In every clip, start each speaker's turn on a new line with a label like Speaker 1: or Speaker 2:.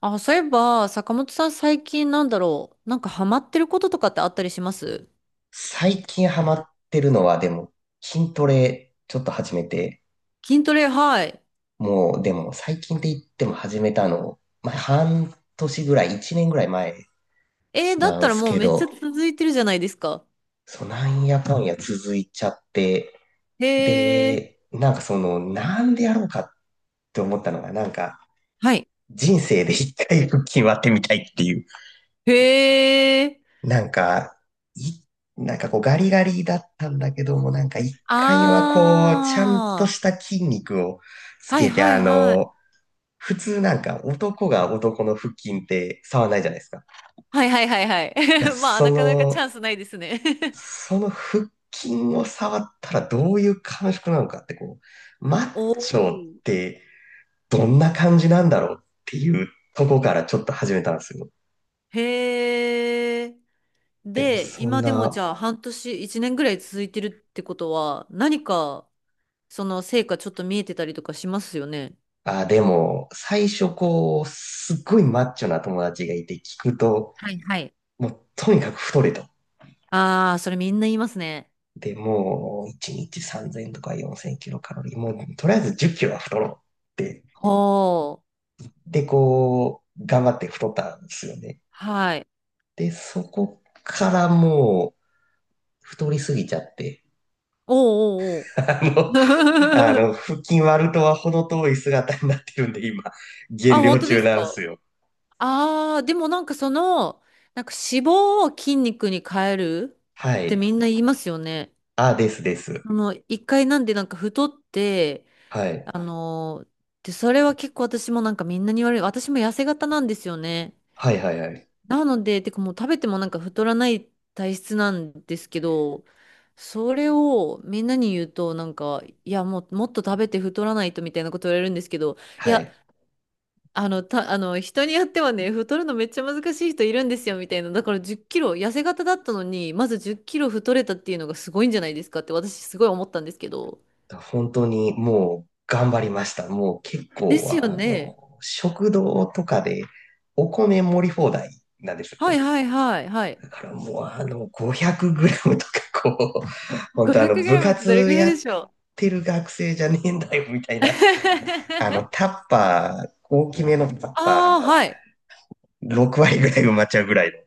Speaker 1: あ、そういえば、坂本さん最近なんだろう。なんかハマってることとかってあったりします。
Speaker 2: 最近ハマってるのは、でも、筋トレちょっと始めて、
Speaker 1: 筋トレ、はい。
Speaker 2: もう、でも、最近って言っても始めたの、まあ、半年ぐらい、一年ぐらい前
Speaker 1: だっ
Speaker 2: なん
Speaker 1: たら
Speaker 2: す
Speaker 1: もう
Speaker 2: け
Speaker 1: めっちゃ
Speaker 2: ど、
Speaker 1: 続いてるじゃないですか。
Speaker 2: そう、なんやかんや続いちゃって、
Speaker 1: へえ。
Speaker 2: で、なんかその、なんでやろうかって思ったのが、なんか、
Speaker 1: はい。
Speaker 2: 人生で一回腹筋割ってみたいっていう
Speaker 1: へえ。
Speaker 2: なんか、い、なんかこうガリガリだったんだけども、なんか一回はこう、ちゃんと
Speaker 1: あ
Speaker 2: し
Speaker 1: ー。
Speaker 2: た筋肉をつ
Speaker 1: はい
Speaker 2: けて、
Speaker 1: はいはい。
Speaker 2: 普通なんか男が男の腹筋って触らないじゃないですか。だ
Speaker 1: はいはいはいは
Speaker 2: から
Speaker 1: い。まあ、
Speaker 2: そ
Speaker 1: なかなかチ
Speaker 2: の、
Speaker 1: ャンスないですね。
Speaker 2: その腹筋を触ったらどういう感触なのかってこう、マッ
Speaker 1: お
Speaker 2: チョっ
Speaker 1: ー。
Speaker 2: てどんな感じなんだろうっていうとこからちょっと始めたんですよ。
Speaker 1: へえ。
Speaker 2: でも
Speaker 1: で、
Speaker 2: そん
Speaker 1: 今でもじ
Speaker 2: な
Speaker 1: ゃあ半年、1年ぐらい続いてるってことは、その成果ちょっと見えてたりとかしますよね。
Speaker 2: あ、でも、最初こう、すっごいマッチョな友達がいて聞くと、
Speaker 1: はいはい。
Speaker 2: もうとにかく太れと。
Speaker 1: ああ、それみんな言いますね。
Speaker 2: で、もう、1日3000とか4000キロカロリー、もう、とりあえず10キロは太ろうって。
Speaker 1: ほう。
Speaker 2: で、こう、頑張って太ったんですよね。
Speaker 1: はい。
Speaker 2: で、そこからもう、太りすぎちゃって、
Speaker 1: おうおうお
Speaker 2: あ
Speaker 1: う。
Speaker 2: の、腹筋割るとは程遠い姿になってるんで、今、
Speaker 1: あ、
Speaker 2: 減量
Speaker 1: 本当で
Speaker 2: 中
Speaker 1: す
Speaker 2: なん
Speaker 1: か。
Speaker 2: ですよ。
Speaker 1: ああー、でもなんかその、なんか脂肪を筋肉に変える
Speaker 2: は
Speaker 1: ってみ
Speaker 2: い。
Speaker 1: んな言いますよね。
Speaker 2: あ、ですです。
Speaker 1: あの、一回なんでなんか太って、
Speaker 2: はい。
Speaker 1: あのー、で、それは結構私もなんかみんなに言われる。私も痩せ型なんですよね。
Speaker 2: はいはいはい。
Speaker 1: なので、てかもう食べてもなんか太らない体質なんですけど、それをみんなに言うとなんか、いやもうもっと食べて太らないとみたいなこと言われるんですけど、い
Speaker 2: は
Speaker 1: や、
Speaker 2: い。
Speaker 1: あの、人によってはね、太るのめっちゃ難しい人いるんですよみたいな。だから10キロ、痩せ型だったのに、まず10キロ太れたっていうのがすごいんじゃないですかって私すごい思ったんですけど。
Speaker 2: 本当にもう頑張りました。もう結
Speaker 1: で
Speaker 2: 構、
Speaker 1: すよね。
Speaker 2: 食堂とかでお米盛り放題なんですよ
Speaker 1: はい
Speaker 2: ね。
Speaker 1: はいはいはい。
Speaker 2: だからもう500グラムとかこう、本当
Speaker 1: 500グ
Speaker 2: 部
Speaker 1: ラムってどれ
Speaker 2: 活
Speaker 1: くらい
Speaker 2: やっ
Speaker 1: でしょう。
Speaker 2: てる学生じゃねえんだよみたいな、あの、タッパー、大きめのタッパ
Speaker 1: ああ、はい。
Speaker 2: ー、6割ぐらい埋まっちゃうぐらいの。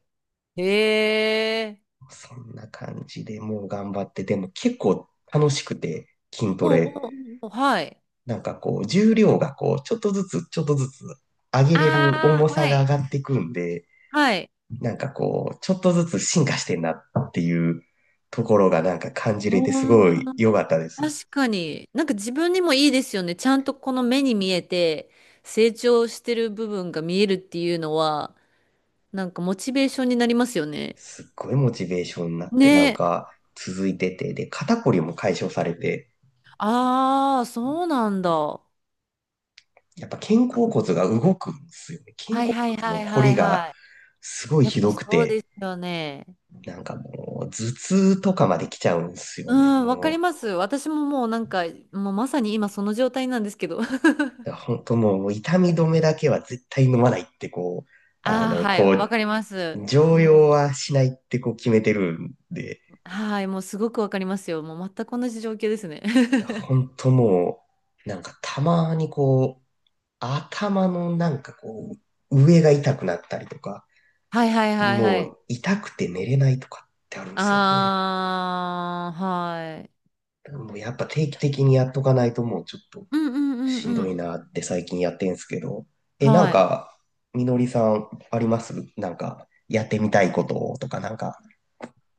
Speaker 1: へえ。
Speaker 2: そんな感じでもう頑張って、でも結構楽しくて筋ト
Speaker 1: おう
Speaker 2: レ
Speaker 1: おうおう、はい。
Speaker 2: なんかこう、重量がこう、ちょっとずつ、ちょっとずつ上げれる
Speaker 1: あ、あ
Speaker 2: 重
Speaker 1: あ
Speaker 2: さ
Speaker 1: は
Speaker 2: が上
Speaker 1: い。
Speaker 2: がってくんで、
Speaker 1: はい。
Speaker 2: なんかこう、ちょっとずつ進化してんなっていうところがなんか感じれてす
Speaker 1: お
Speaker 2: ごい良
Speaker 1: ー、
Speaker 2: かったです。
Speaker 1: 確かに。なんか自分にもいいですよね。ちゃんとこの目に見えて成長してる部分が見えるっていうのは、なんかモチベーションになりますよね。
Speaker 2: すっごいモチベーションになって、なん
Speaker 1: ね。
Speaker 2: か続いてて、で、肩こりも解消されて、
Speaker 1: ああ、そうなんだ。は
Speaker 2: やっぱ肩甲骨が動くんですよね。
Speaker 1: い
Speaker 2: 肩
Speaker 1: はい
Speaker 2: 甲
Speaker 1: は
Speaker 2: 骨の
Speaker 1: い
Speaker 2: こ
Speaker 1: は
Speaker 2: り
Speaker 1: い
Speaker 2: が
Speaker 1: は
Speaker 2: すごい
Speaker 1: い。やっ
Speaker 2: ひ
Speaker 1: ぱ
Speaker 2: どく
Speaker 1: そうで
Speaker 2: て、
Speaker 1: すよね。
Speaker 2: なんかもう頭痛とかまで来ちゃうんですよ
Speaker 1: う
Speaker 2: ね。
Speaker 1: ん、わか
Speaker 2: も
Speaker 1: りま
Speaker 2: う
Speaker 1: す。私ももうなんか、もうまさに今その状態なんですけど。
Speaker 2: だから本当もう痛み止めだけは絶対飲まないってこう、
Speaker 1: ああ、はい、
Speaker 2: こう、
Speaker 1: わかります。
Speaker 2: 常
Speaker 1: も
Speaker 2: 用
Speaker 1: う、
Speaker 2: はしないってこう決めてるんで、
Speaker 1: はい、もうすごくわかりますよ。もう全く同じ状況ですね。
Speaker 2: だから本当もう、なんかたまにこう、頭のなんかこう、上が痛くなったりとか、
Speaker 1: はいはいはいは
Speaker 2: も
Speaker 1: い。
Speaker 2: う痛くて寝れないとかってあるんですよね。
Speaker 1: あー、はい。
Speaker 2: だからもうやっぱ定期的にやっとかないともうちょっと
Speaker 1: うんうんうん
Speaker 2: しんど
Speaker 1: う
Speaker 2: い
Speaker 1: ん。
Speaker 2: なって最近やってんすけど、なん
Speaker 1: はい。
Speaker 2: か、みのりさんありますなんか、やってみたいこととかなんか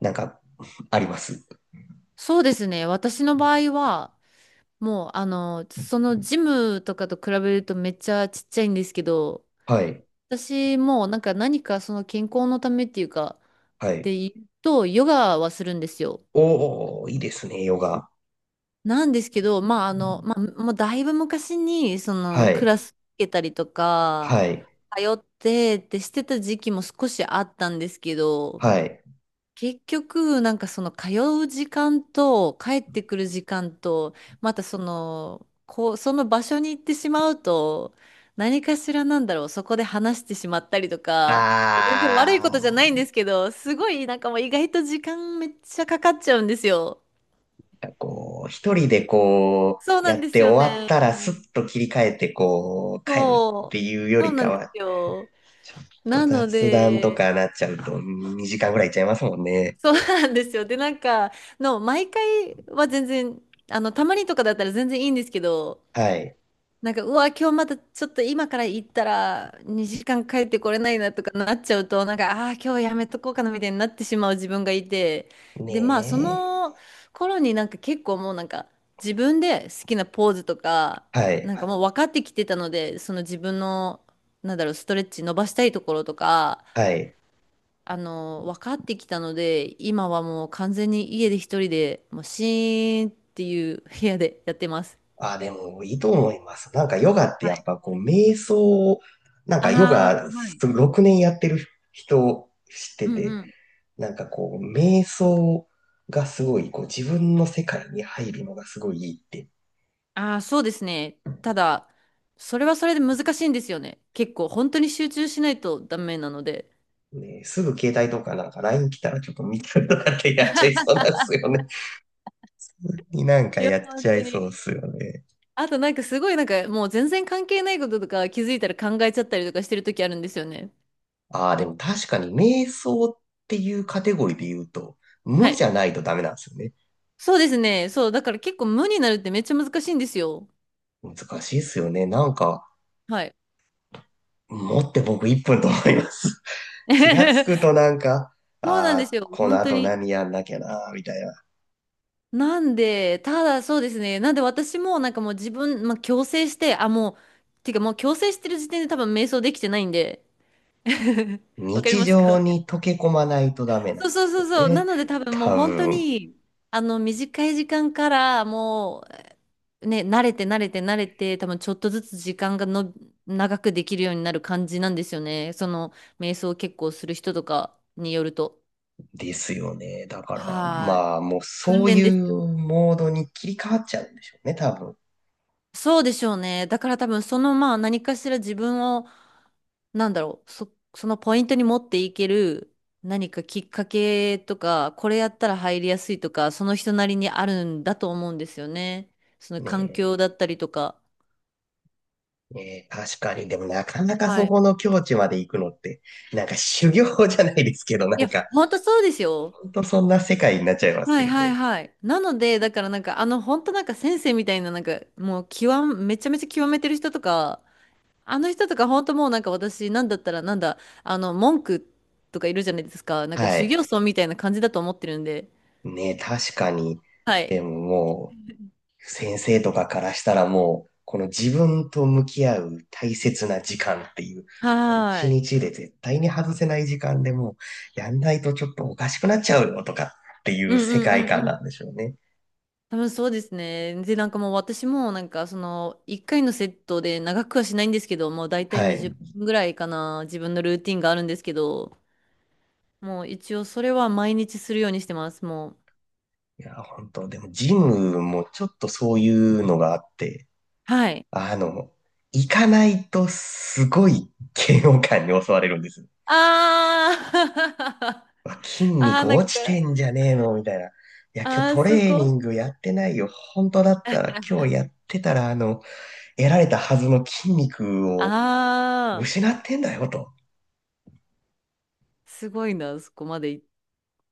Speaker 2: なんか、あります？
Speaker 1: そうですね。私の場合は、もう、そのジムとかと比べるとめっちゃちっちゃいんですけど、
Speaker 2: はい。
Speaker 1: 私もなんか何かその健康のためっていうか、
Speaker 2: は
Speaker 1: っ
Speaker 2: い。
Speaker 1: て言うと、ヨガはするんですよ。
Speaker 2: おー、いいですね、ヨガ。
Speaker 1: なんですけど、まあ、もうだいぶ昔に、そ
Speaker 2: は
Speaker 1: の、クラ
Speaker 2: い。
Speaker 1: ス受けたりとか、
Speaker 2: はい。
Speaker 1: 通ってってしてた時期も少しあったんですけど、
Speaker 2: はい。
Speaker 1: 結局、なんかその、通う時間と、帰ってくる時間と、またその、こう、その場所に行ってしまうと、何かしらなんだろう、そこで話してしまったりとか、全然悪いことじゃないん
Speaker 2: あ
Speaker 1: ですけど、すごい、なんかもう意外と時間めっちゃかかっちゃうんですよ。
Speaker 2: ー、なんかこう、一人でこう、
Speaker 1: そうな
Speaker 2: や
Speaker 1: ん
Speaker 2: っ
Speaker 1: です
Speaker 2: て
Speaker 1: よ
Speaker 2: 終わっ
Speaker 1: ね。
Speaker 2: たらスッと切り替えてこう、帰るっ
Speaker 1: そ
Speaker 2: て
Speaker 1: う、
Speaker 2: いうよ
Speaker 1: そう
Speaker 2: り
Speaker 1: な
Speaker 2: か
Speaker 1: んで
Speaker 2: は、
Speaker 1: すよ。
Speaker 2: ちょっと
Speaker 1: なの
Speaker 2: 雑談と
Speaker 1: で、
Speaker 2: かなっちゃうと2時間ぐらいいっちゃいますもんね。
Speaker 1: そうなんですよ。で、毎回は全然、あの、たまにとかだったら全然いいんですけど、
Speaker 2: はい。
Speaker 1: なんか、うわ、今日またちょっと今から行ったら2時間帰ってこれないなとかなっちゃうと、なんか、ああー、今日やめとこうかなみたいになってしまう自分がいて、で、まあ、そ
Speaker 2: ね
Speaker 1: の頃になんか結構もうなんか自分で好きなポーズとか、
Speaker 2: え。は
Speaker 1: なん
Speaker 2: い。
Speaker 1: はかい。もう分かってきてたので、その自分の、なんだろう、ストレッチ伸ばしたいところとか、
Speaker 2: はい。
Speaker 1: あの、分かってきたので、今はもう完全に家で一人で、もうシーンっていう部屋でやってます。
Speaker 2: あ、でもいいと思います。なんかヨガって
Speaker 1: は
Speaker 2: やっ
Speaker 1: い。
Speaker 2: ぱこう瞑想を、なんかヨ
Speaker 1: あ
Speaker 2: ガ
Speaker 1: あ、はい。
Speaker 2: 6年やってる人知って
Speaker 1: う
Speaker 2: て、
Speaker 1: ん。
Speaker 2: なんかこう瞑想がすごいこう自分の世界に入るのがすごいいいって。
Speaker 1: ああ、そうですね。ただ、それはそれで難しいんですよね。結構、本当に集中しないとダメなので。
Speaker 2: ね、すぐ携帯とかなんか LINE 来たらちょっと見たりとかってやっちゃいそうなんですよね。になんか
Speaker 1: いや、
Speaker 2: やっ
Speaker 1: 本
Speaker 2: ちゃ
Speaker 1: 当
Speaker 2: いそう
Speaker 1: に。
Speaker 2: っすよね。
Speaker 1: あと、なんかすごい、なんかもう全然関係ないこととか気づいたら考えちゃったりとかしてる時あるんですよね。
Speaker 2: ああ、でも確かに瞑想っていうカテゴリーで言うと、
Speaker 1: は
Speaker 2: 無じ
Speaker 1: い。
Speaker 2: ゃないとダメなんですよね。
Speaker 1: そうですね。そう、だから結構無になるってめっちゃ難しいんですよ。
Speaker 2: 難しいっすよね。なんか、
Speaker 1: はい。
Speaker 2: 持って僕1分と思います。気がつくと なんか、
Speaker 1: そうなん
Speaker 2: あ
Speaker 1: です
Speaker 2: あ、
Speaker 1: よ。
Speaker 2: この
Speaker 1: 本当
Speaker 2: 後
Speaker 1: に。
Speaker 2: 何やんなきゃな、みたいな。
Speaker 1: なんで、ただそうですね。なんで私もなんかもう自分、まあ、強制して、あ、もう、てかもう強制してる時点で多分瞑想できてないんで、わかり
Speaker 2: 日
Speaker 1: ますか。
Speaker 2: 常に溶け込まないとダメな
Speaker 1: そう
Speaker 2: んで
Speaker 1: そう
Speaker 2: す
Speaker 1: そ
Speaker 2: よ
Speaker 1: うそう。な
Speaker 2: ね。
Speaker 1: ので多分もう
Speaker 2: 多
Speaker 1: 本当
Speaker 2: 分、
Speaker 1: に、あの短い時間からもうね、慣れて、多分ちょっとずつ時間が長くできるようになる感じなんですよね。その瞑想を結構する人とかによると。
Speaker 2: ですよね。だから、
Speaker 1: はい。
Speaker 2: まあ、もう
Speaker 1: 訓
Speaker 2: そうい
Speaker 1: 練です。
Speaker 2: うモードに切り替わっちゃうんでしょうね、多分。
Speaker 1: そうでしょうね。だから多分その、まあ何かしら自分を、なんだろう、そのポイントに持っていける何かきっかけとか、これやったら入りやすいとか、その人なりにあるんだと思うんですよね。その環
Speaker 2: ね
Speaker 1: 境だったりとか。
Speaker 2: ねえ、確かに。でもなかなか
Speaker 1: は
Speaker 2: そ
Speaker 1: い。
Speaker 2: この境地まで行くのって、なんか修行じゃないですけど、な
Speaker 1: いや、
Speaker 2: んか、
Speaker 1: 本当そうですよ。
Speaker 2: ほんとそんな世界になっちゃいます
Speaker 1: はい
Speaker 2: よ
Speaker 1: はい
Speaker 2: ね。
Speaker 1: はい。なので、だからなんかあの本当なんか先生みたいな、なんかもう極め、めちゃめちゃ極めてる人とか、あの人とか本当もうなんか、私なんだったらなんだあの文句とかいるじゃないですか、なんか
Speaker 2: は
Speaker 1: 修
Speaker 2: い。
Speaker 1: 行僧みたいな感じだと思ってるんで。
Speaker 2: ね、確かに。
Speaker 1: はい。
Speaker 2: でももう、先生とかからしたらもう、この自分と向き合う大切な時間っていう、一
Speaker 1: はーい。
Speaker 2: 日で絶対に外せない時間でもう、やんないとちょっとおかしくなっちゃうよとかってい
Speaker 1: う
Speaker 2: う
Speaker 1: ん
Speaker 2: 世
Speaker 1: うん
Speaker 2: 界
Speaker 1: う
Speaker 2: 観
Speaker 1: んう
Speaker 2: な
Speaker 1: ん。
Speaker 2: んでしょうね。
Speaker 1: 多分そうですね。でなんかもう私もなんかその1回のセットで長くはしないんですけど、もう大体
Speaker 2: は
Speaker 1: 20
Speaker 2: い。
Speaker 1: 分ぐらいかな、自分のルーティンがあるんですけど、もう一応それは毎日するようにしてます。もう、
Speaker 2: いや、本当でもジムもちょっとそういうのがあって、
Speaker 1: はい。
Speaker 2: あの、行かないとすごい嫌悪感に襲われるんですよ。
Speaker 1: あー。
Speaker 2: うわ筋
Speaker 1: あー
Speaker 2: 肉
Speaker 1: な
Speaker 2: 落
Speaker 1: んか、
Speaker 2: ちてんじゃねえのみたいな。いや、今日
Speaker 1: あ
Speaker 2: ト
Speaker 1: ーそ
Speaker 2: レーニ
Speaker 1: こ。
Speaker 2: ングやってないよ。本当だったら今日やってたら、得られたはずの筋肉を
Speaker 1: ああ、
Speaker 2: 失ってんだよと。
Speaker 1: すごいな、そこまで行った。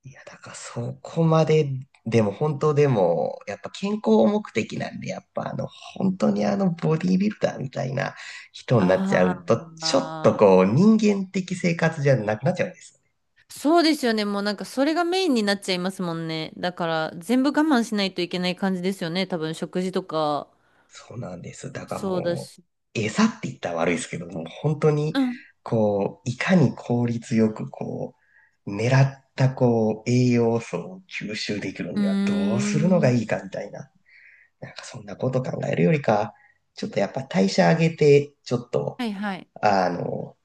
Speaker 2: いや、だからそこまで、でも本当でも、やっぱ健康目的なんで、やっぱ本当にボディービルダーみたいな人になっちゃ
Speaker 1: あ
Speaker 2: うと、
Speaker 1: ー。
Speaker 2: ちょっと
Speaker 1: あー、
Speaker 2: こう、人間的生活じゃなくなっちゃうんですね。
Speaker 1: そうですよね。もうなんかそれがメインになっちゃいますもんね。だから全部我慢しないといけない感じですよね。多分食事とか、
Speaker 2: そうなんです。だから
Speaker 1: そうだ
Speaker 2: も
Speaker 1: し。
Speaker 2: う、餌って言ったら悪いですけども、本当に、
Speaker 1: うん。
Speaker 2: こう、いかに効率よく、こう、狙った、こう、栄養素を吸収できる
Speaker 1: う
Speaker 2: には
Speaker 1: ー
Speaker 2: どうするのがいいか
Speaker 1: ん。
Speaker 2: みたいな、なんかそんなこと考えるよりか、ちょっとやっぱ代謝上げて、ちょっと、
Speaker 1: はいはい。
Speaker 2: あの、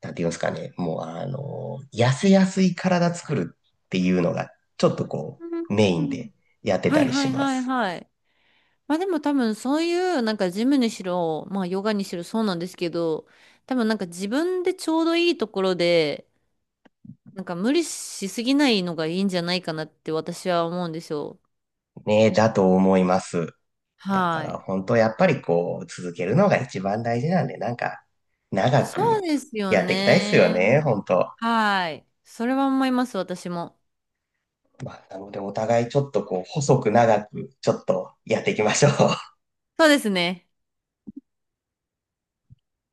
Speaker 2: なんて言いますかね、もう、痩せやすい体作るっていうのが、ちょっとこ
Speaker 1: うん
Speaker 2: う、メイ
Speaker 1: う
Speaker 2: ン
Speaker 1: ん。
Speaker 2: でやって
Speaker 1: は
Speaker 2: た
Speaker 1: い
Speaker 2: り
Speaker 1: は
Speaker 2: し
Speaker 1: い
Speaker 2: ま
Speaker 1: はい
Speaker 2: す。
Speaker 1: はい。まあでも多分そういうなんかジムにしろ、まあヨガにしろそうなんですけど、多分なんか自分でちょうどいいところで、なんか無理しすぎないのがいいんじゃないかなって私は思うんですよ。
Speaker 2: ね、だと思います。だか
Speaker 1: は
Speaker 2: ら
Speaker 1: い。
Speaker 2: 本当やっぱりこう続けるのが一番大事なんで、なんか長
Speaker 1: そう
Speaker 2: く
Speaker 1: ですよ
Speaker 2: やっていきたいっすよ
Speaker 1: ね。
Speaker 2: ね、本当。
Speaker 1: はい。それは思います、私も。
Speaker 2: まあ、なのでお互いちょっとこう細く長くちょっとやっていきましょう。
Speaker 1: そうですね。